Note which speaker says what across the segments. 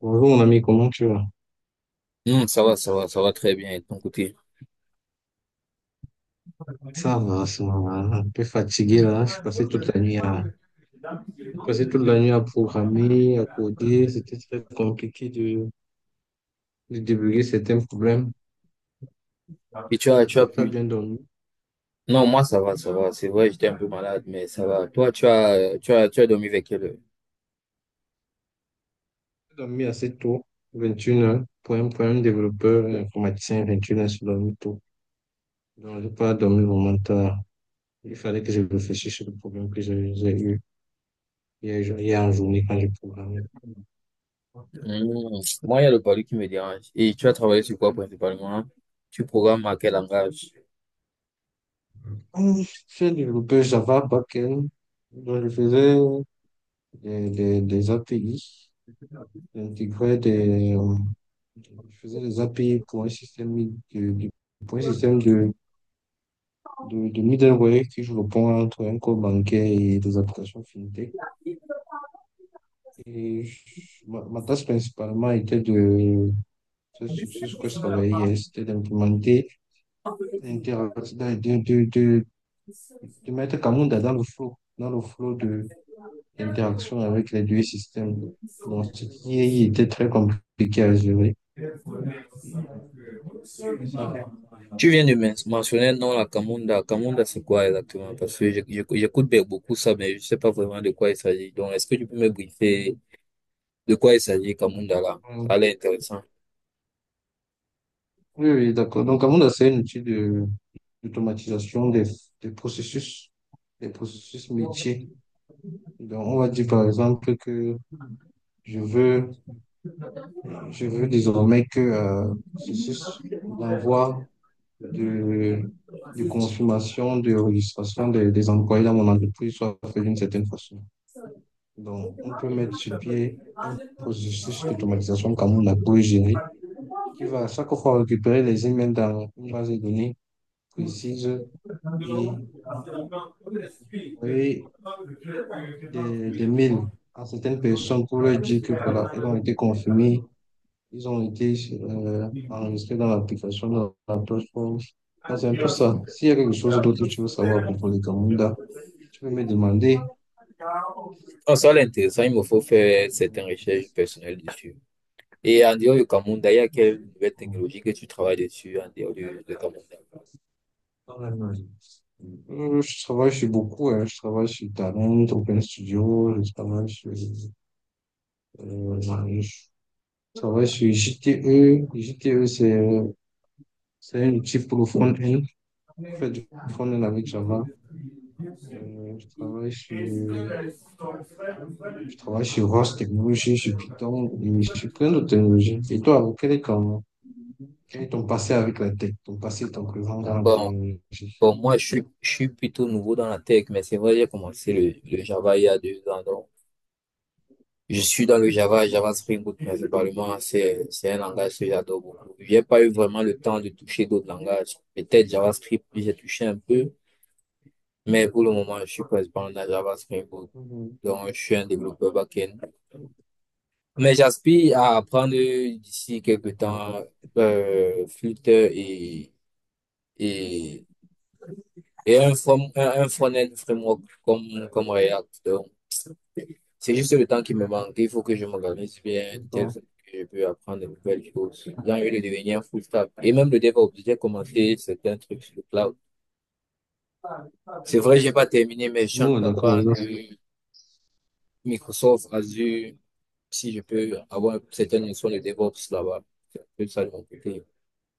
Speaker 1: Bonjour mon ami, comment tu vas?
Speaker 2: Non, ça va, ça va, ça va très bien et de ton côté.
Speaker 1: Ça va, ça va. Un peu fatigué là. Je suis passé toute la nuit à, J'ai passé toute la nuit à programmer, à coder. C'était très compliqué de débugger certains problèmes.
Speaker 2: Et
Speaker 1: Et
Speaker 2: tu as
Speaker 1: toi, tu as
Speaker 2: pu.
Speaker 1: bien dormi?
Speaker 2: Non, moi, ça va, ça va. C'est vrai, j'étais un peu malade, mais ça va. Toi, tu as dormi avec quelle heure?
Speaker 1: J'ai dormi assez tôt, 21 h. Pour un développeur un informaticien, 21 h, c'est dormi tôt. Donc, j'ai pas dormi vraiment tard. Il fallait que je réfléchisse sur le problème que j'ai eu hier en journée quand j'ai programmé.
Speaker 2: Hmm. Moi, il y a le palu qui me dérange. Et tu as travaillé sur quoi principalement? Tu programmes à quel langage?
Speaker 1: Hum, J'ai développé Java backend. Donc, je faisais des API. J'intégrais je faisais des API pour un système de, de- pour un système de middleware qui joue le pont entre un code bancaire et des applications fintech. Et je- ma tâche principalement était de, c'est sur ce que je travaillais hier, c'était d'implémenter, d'inter- de, de, de, de mettre Camunda dans le flow, l'interaction avec les deux systèmes. Donc, ce qui était très compliqué à gérer. C'est ça.
Speaker 2: Tu viens de mentionner non la Kamunda. Kamunda, c'est quoi exactement? Parce que j'écoute beaucoup ça, mais je sais pas vraiment de quoi il s'agit. Donc, est-ce que tu peux me briefer de quoi il s'agit, Kamunda, là?
Speaker 1: euh,
Speaker 2: Ça a l'air intéressant.
Speaker 1: Oui, oui, d'accord. Donc, Amanda, c'est un outil d'automatisation des processus, des processus métiers. Donc, on va dire, par exemple, que je veux, je veux désormais que, processus d'envoi de, de consommation, de registration des employés dans mon entreprise soit fait d'une certaine façon. Donc, on peut mettre sur pied un processus d'automatisation comme on a pour gérer, qui va à chaque fois récupérer les emails dans une base de données précise et envoyer des mails à certaines personnes pour leur dire que voilà, elles ont été confirmées, ils ont été enregistrés dans l'application, dans la plateforme. Donc, c'est un peu ça. S'il y a quelque chose d'autre que tu veux savoir à propos des Kamunda, tu peux me demander.
Speaker 2: Non, ça c'est intéressant, il me faut faire certaines recherches personnelles dessus. Et en dehors du Cameroun, d'ailleurs, quelle nouvelle technologie que tu travailles dessus en dehors du Cameroun?
Speaker 1: En Allemagne. Je travaille sur beaucoup, hein. Je travaille sur Talent, Open Studio, je travaille sur euh, je travaille chez JTE. JTE, c'est un outil pour le front-end. Pour faire du front-end avec Java. Euh, je travaille sur je travaille sur Rust Technology, sur Python et chez plein d'autres technologies. Et toi, quel est ton passé avec la tech, ton passé et ton présent dans la
Speaker 2: Bon,
Speaker 1: technologie?
Speaker 2: bon, moi, je suis plutôt nouveau dans la tech, mais c'est vrai, j'ai commencé le Java il y a deux ans. Donc, je suis dans le Java, Java Spring Boot principalement. C'est un langage que j'adore beaucoup. J'ai pas eu vraiment le temps de toucher d'autres langages. Peut-être JavaScript, j'ai touché un peu, mais pour le moment, je suis principalement dans Java Spring Boot.
Speaker 1: Mhm.
Speaker 2: Donc, je suis un développeur back. Mais j'aspire à apprendre d'ici quelque
Speaker 1: D'accord.
Speaker 2: temps Flutter et, et un, from, un front-end framework comme, comme React. Donc, c'est juste le temps qui me manque. Il faut que je m'organise bien, tel
Speaker 1: D'accord.
Speaker 2: que je peux apprendre de nouvelles choses. J'ai envie de devenir full stack. Et même le DevOps, j'ai commencé certains trucs sur le cloud. C'est vrai, j'ai pas terminé, mais je suis en train
Speaker 1: Oh,
Speaker 2: d'apprendre
Speaker 1: d'accord.
Speaker 2: Microsoft Azure, si je peux avoir certaines notions de DevOps là-bas. C'est un peu ça de mon côté.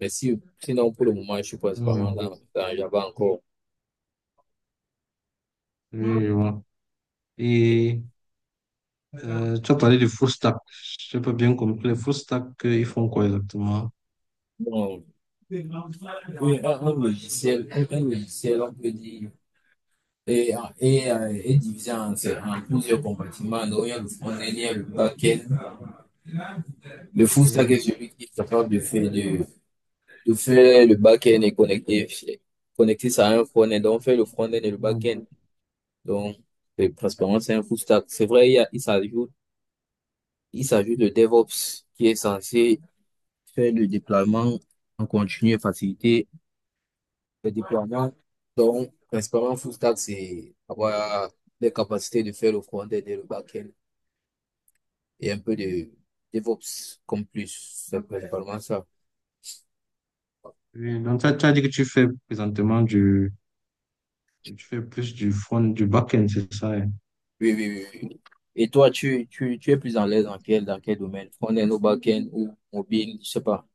Speaker 2: Mais si, sinon, pour le moment, je suis
Speaker 1: Mmh.
Speaker 2: principalement dans, dans Java encore.
Speaker 1: Oui, je vois. Et tu as parlé de full stack. Je n'ai pas bien compris. Les full stack, ils font quoi exactement?
Speaker 2: Bon, oui, un logiciel, un logiciel, on peut dire, est, est divisé en plusieurs compartiments. Donc, il y a le front-end, le back-end. Le full stack est
Speaker 1: Oui.
Speaker 2: celui qui est capable de faire le back-end et connecter, connecter ça à un front-end. Donc, on fait le front-end et le
Speaker 1: Ouais.
Speaker 2: back-end. Donc, principalement, c'est un full stack. C'est vrai, il y a, il s'ajoute le DevOps qui est censé faire le déploiement en continu et faciliter le déploiement. Donc, principalement, full stack, c'est avoir les capacités de faire le front-end et le back-end et un peu de DevOps comme plus. C'est principalement ça.
Speaker 1: Oui, donc, tu as dit que tu fais présentement du, tu fais plus du front, du back-end, c'est ça? Hein.
Speaker 2: Oui, oui, oui, oui. Et toi, tu es plus à l'aise dans quel domaine? Front-end ou back-end ou mobile, je sais pas.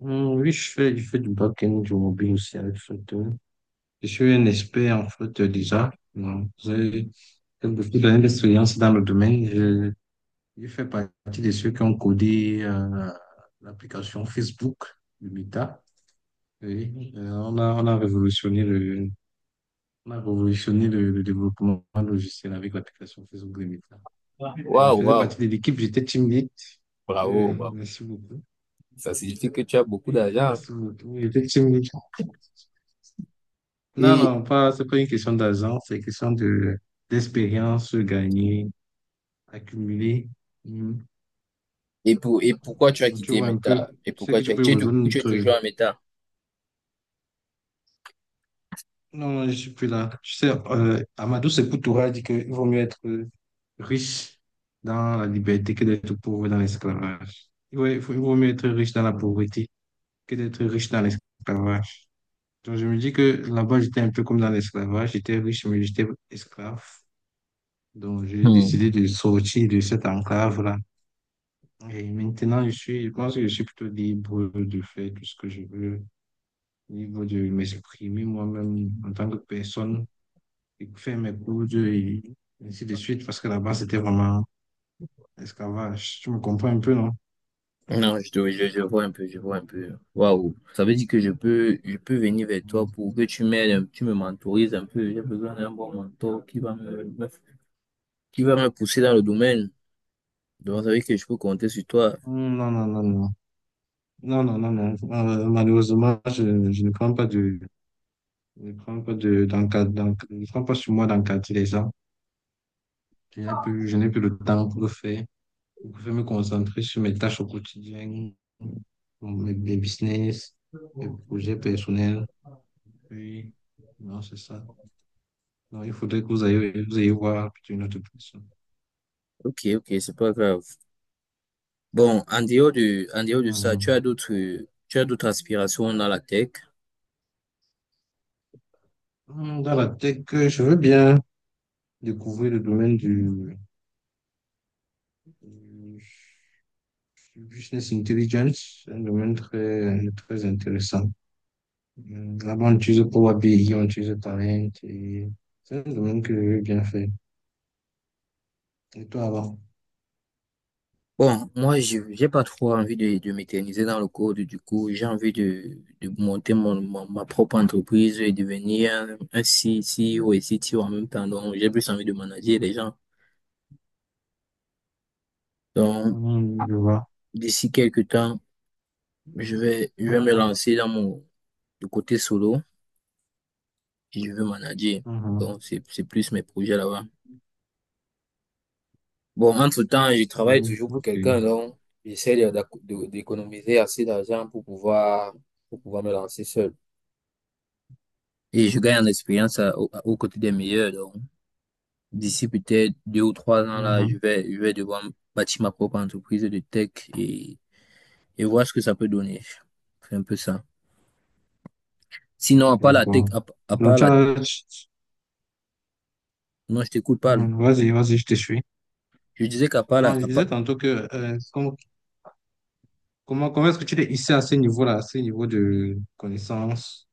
Speaker 1: Oui, je fais du back-end, du mobile aussi avec Flutter. Je suis un expert en Flutter déjà. Non, j'ai beaucoup d'années d'expérience dans le domaine. Je fais partie de ceux qui ont codé l'application Facebook de Meta. Oui, on a révolutionné le, on a révolutionné le développement logiciel avec l'application Facebook Limit là. Donc, je
Speaker 2: Waouh,
Speaker 1: faisais
Speaker 2: waouh.
Speaker 1: partie de l'équipe, j'étais team lead.
Speaker 2: Bravo, bravo.
Speaker 1: Merci beaucoup.
Speaker 2: Ça signifie que tu as beaucoup d'argent.
Speaker 1: Merci beaucoup. Oui, j'étais team lead. Non,
Speaker 2: Et,
Speaker 1: non, pas, c'est pas une question d'argent, c'est une question d'expérience gagnée, accumulée. Mhm.
Speaker 2: Et, pour, et pourquoi tu as
Speaker 1: Donc, tu
Speaker 2: quitté
Speaker 1: vois un peu.
Speaker 2: Meta? Et
Speaker 1: Je sais
Speaker 2: pourquoi
Speaker 1: que
Speaker 2: tu
Speaker 1: tu
Speaker 2: as,
Speaker 1: peux
Speaker 2: tu es,
Speaker 1: rejoindre
Speaker 2: ou tu es
Speaker 1: notre-
Speaker 2: toujours à Meta?
Speaker 1: Non, non, je suis plus là. Tu sais, Amadou Sepoutoura dit qu'il vaut mieux être riche dans la liberté que d'être pauvre dans l'esclavage. Il vaut mieux être riche dans la pauvreté que d'être riche dans l'esclavage. Donc, je me dis que là-bas, j'étais un peu comme dans l'esclavage. J'étais riche, mais j'étais esclave. Donc, j'ai
Speaker 2: Hmm.
Speaker 1: décidé de sortir de cette enclave-là. Et maintenant, je pense que je suis plutôt libre de faire tout ce que je veux, libre de m'exprimer moi-même en tant que personne, et faire mes cours et ainsi de suite, parce que là-bas, c'était vraiment esclavage. Tu me comprends un peu, non?
Speaker 2: Non, je, je vois un peu, je vois un peu. Waouh, ça veut dire que je peux venir vers toi
Speaker 1: Ouais.
Speaker 2: pour que tu m'aides, tu me mentorises un peu. J'ai besoin d'un bon mentor qui va qui va me pousser dans le domaine. Donc, ça veut dire que je peux compter sur toi.
Speaker 1: Hmm. Non, non, non, non. Non, non, non, non. Malheureusement, je ne prends pas je ne prends pas je ne prends pas sur moi d'encadrer les gens. Je n'ai plus le temps pour le faire. Je préfère me concentrer sur mes tâches au quotidien, mes business, mes projets personnels. Oui, non, c'est ça. Non, il faudrait que vous ayez voir une autre personne.
Speaker 2: Ok, ok, c'est pas grave. Bon, en dehors de ça,
Speaker 1: Hmm.
Speaker 2: tu as d'autres aspirations dans la tech?
Speaker 1: Hmm. Dans la tech, je veux bien découvrir le domaine du, Business Intelligence, c'est un domaine très, très intéressant. Là-bas, on utilise Power BI, on utilise Talent et c'est un domaine que je bien fait. Et toi, avant?
Speaker 2: Bon, moi, je j'ai pas trop envie de m'éterniser dans le code. Du coup, j'ai envie de monter ma propre entreprise et devenir un CEO et CTO en même temps. Donc, j'ai plus envie de manager les gens. Donc,
Speaker 1: Je vois.
Speaker 2: d'ici quelques temps, je vais me lancer dans mon le côté solo et je vais manager.
Speaker 1: Mhm.
Speaker 2: Donc, c'est plus mes projets là-bas. Bon, entre-temps, je travaille
Speaker 1: Mhm.
Speaker 2: toujours pour
Speaker 1: Ok.
Speaker 2: quelqu'un. Donc, j'essaie d'économiser assez d'argent pour pouvoir me lancer seul. Et je gagne en expérience aux côtés des meilleurs. Donc, d'ici peut-être deux ou trois ans, là,
Speaker 1: Mhm.
Speaker 2: je vais devoir bâtir ma propre entreprise de tech et, et voir ce que ça peut donner. C'est un peu ça. Sinon, à part la tech,
Speaker 1: D'accord.
Speaker 2: à
Speaker 1: Donc,
Speaker 2: part
Speaker 1: tu
Speaker 2: la,
Speaker 1: as- tu-
Speaker 2: non, je t'écoute pas.
Speaker 1: Mhm. Vas-y, vas-y, je te suis.
Speaker 2: Je disais qu'à part la,
Speaker 1: Alors, je
Speaker 2: à part
Speaker 1: disais tantôt que euh, com- comment, comment est-ce que tu t'es hissé à ce niveau-là, à ce niveau de connaissance?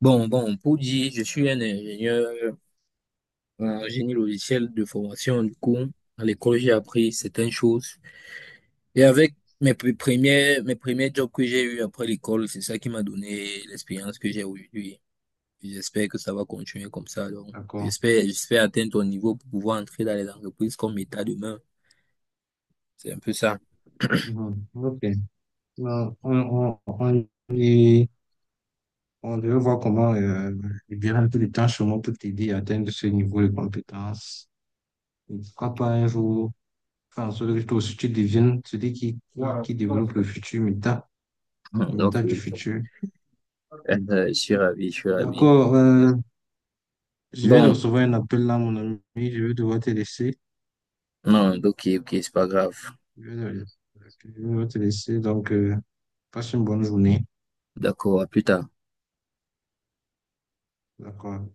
Speaker 2: bon, bon, pour dire, je suis un ingénieur en génie logiciel de formation. Du coup, à l'école, j'ai appris certaines choses. Et avec mes premiers, mes premiers jobs que j'ai eu après l'école, c'est ça qui m'a donné l'expérience que j'ai aujourd'hui. J'espère que ça va continuer comme ça. Donc,
Speaker 1: D'accord.
Speaker 2: j'espère, j'espère atteindre ton niveau pour pouvoir entrer dans les entreprises comme État demain. C'est un peu ça.
Speaker 1: Mhm. Ok. Alors, y- on devait voir comment libérer un peu de temps chez moi pour t'aider à atteindre ce niveau de compétence. Et pourquoi pas un jour faire en sorte que toi aussi tu deviennes celui qui développe le futur, méta,
Speaker 2: Mm,
Speaker 1: le
Speaker 2: donc,
Speaker 1: méta du
Speaker 2: oui,
Speaker 1: futur.
Speaker 2: je suis ravi, je suis ravi.
Speaker 1: D'accord, je viens de
Speaker 2: Bon,
Speaker 1: recevoir un appel là, mon ami. Je vais devoir te laisser.
Speaker 2: non, ok, ok, c'est pas grave.
Speaker 1: Je vais devoir je vais devoir te laisser. Donc, passe une bonne journée.
Speaker 2: D'accord, à plus tard.
Speaker 1: D'accord.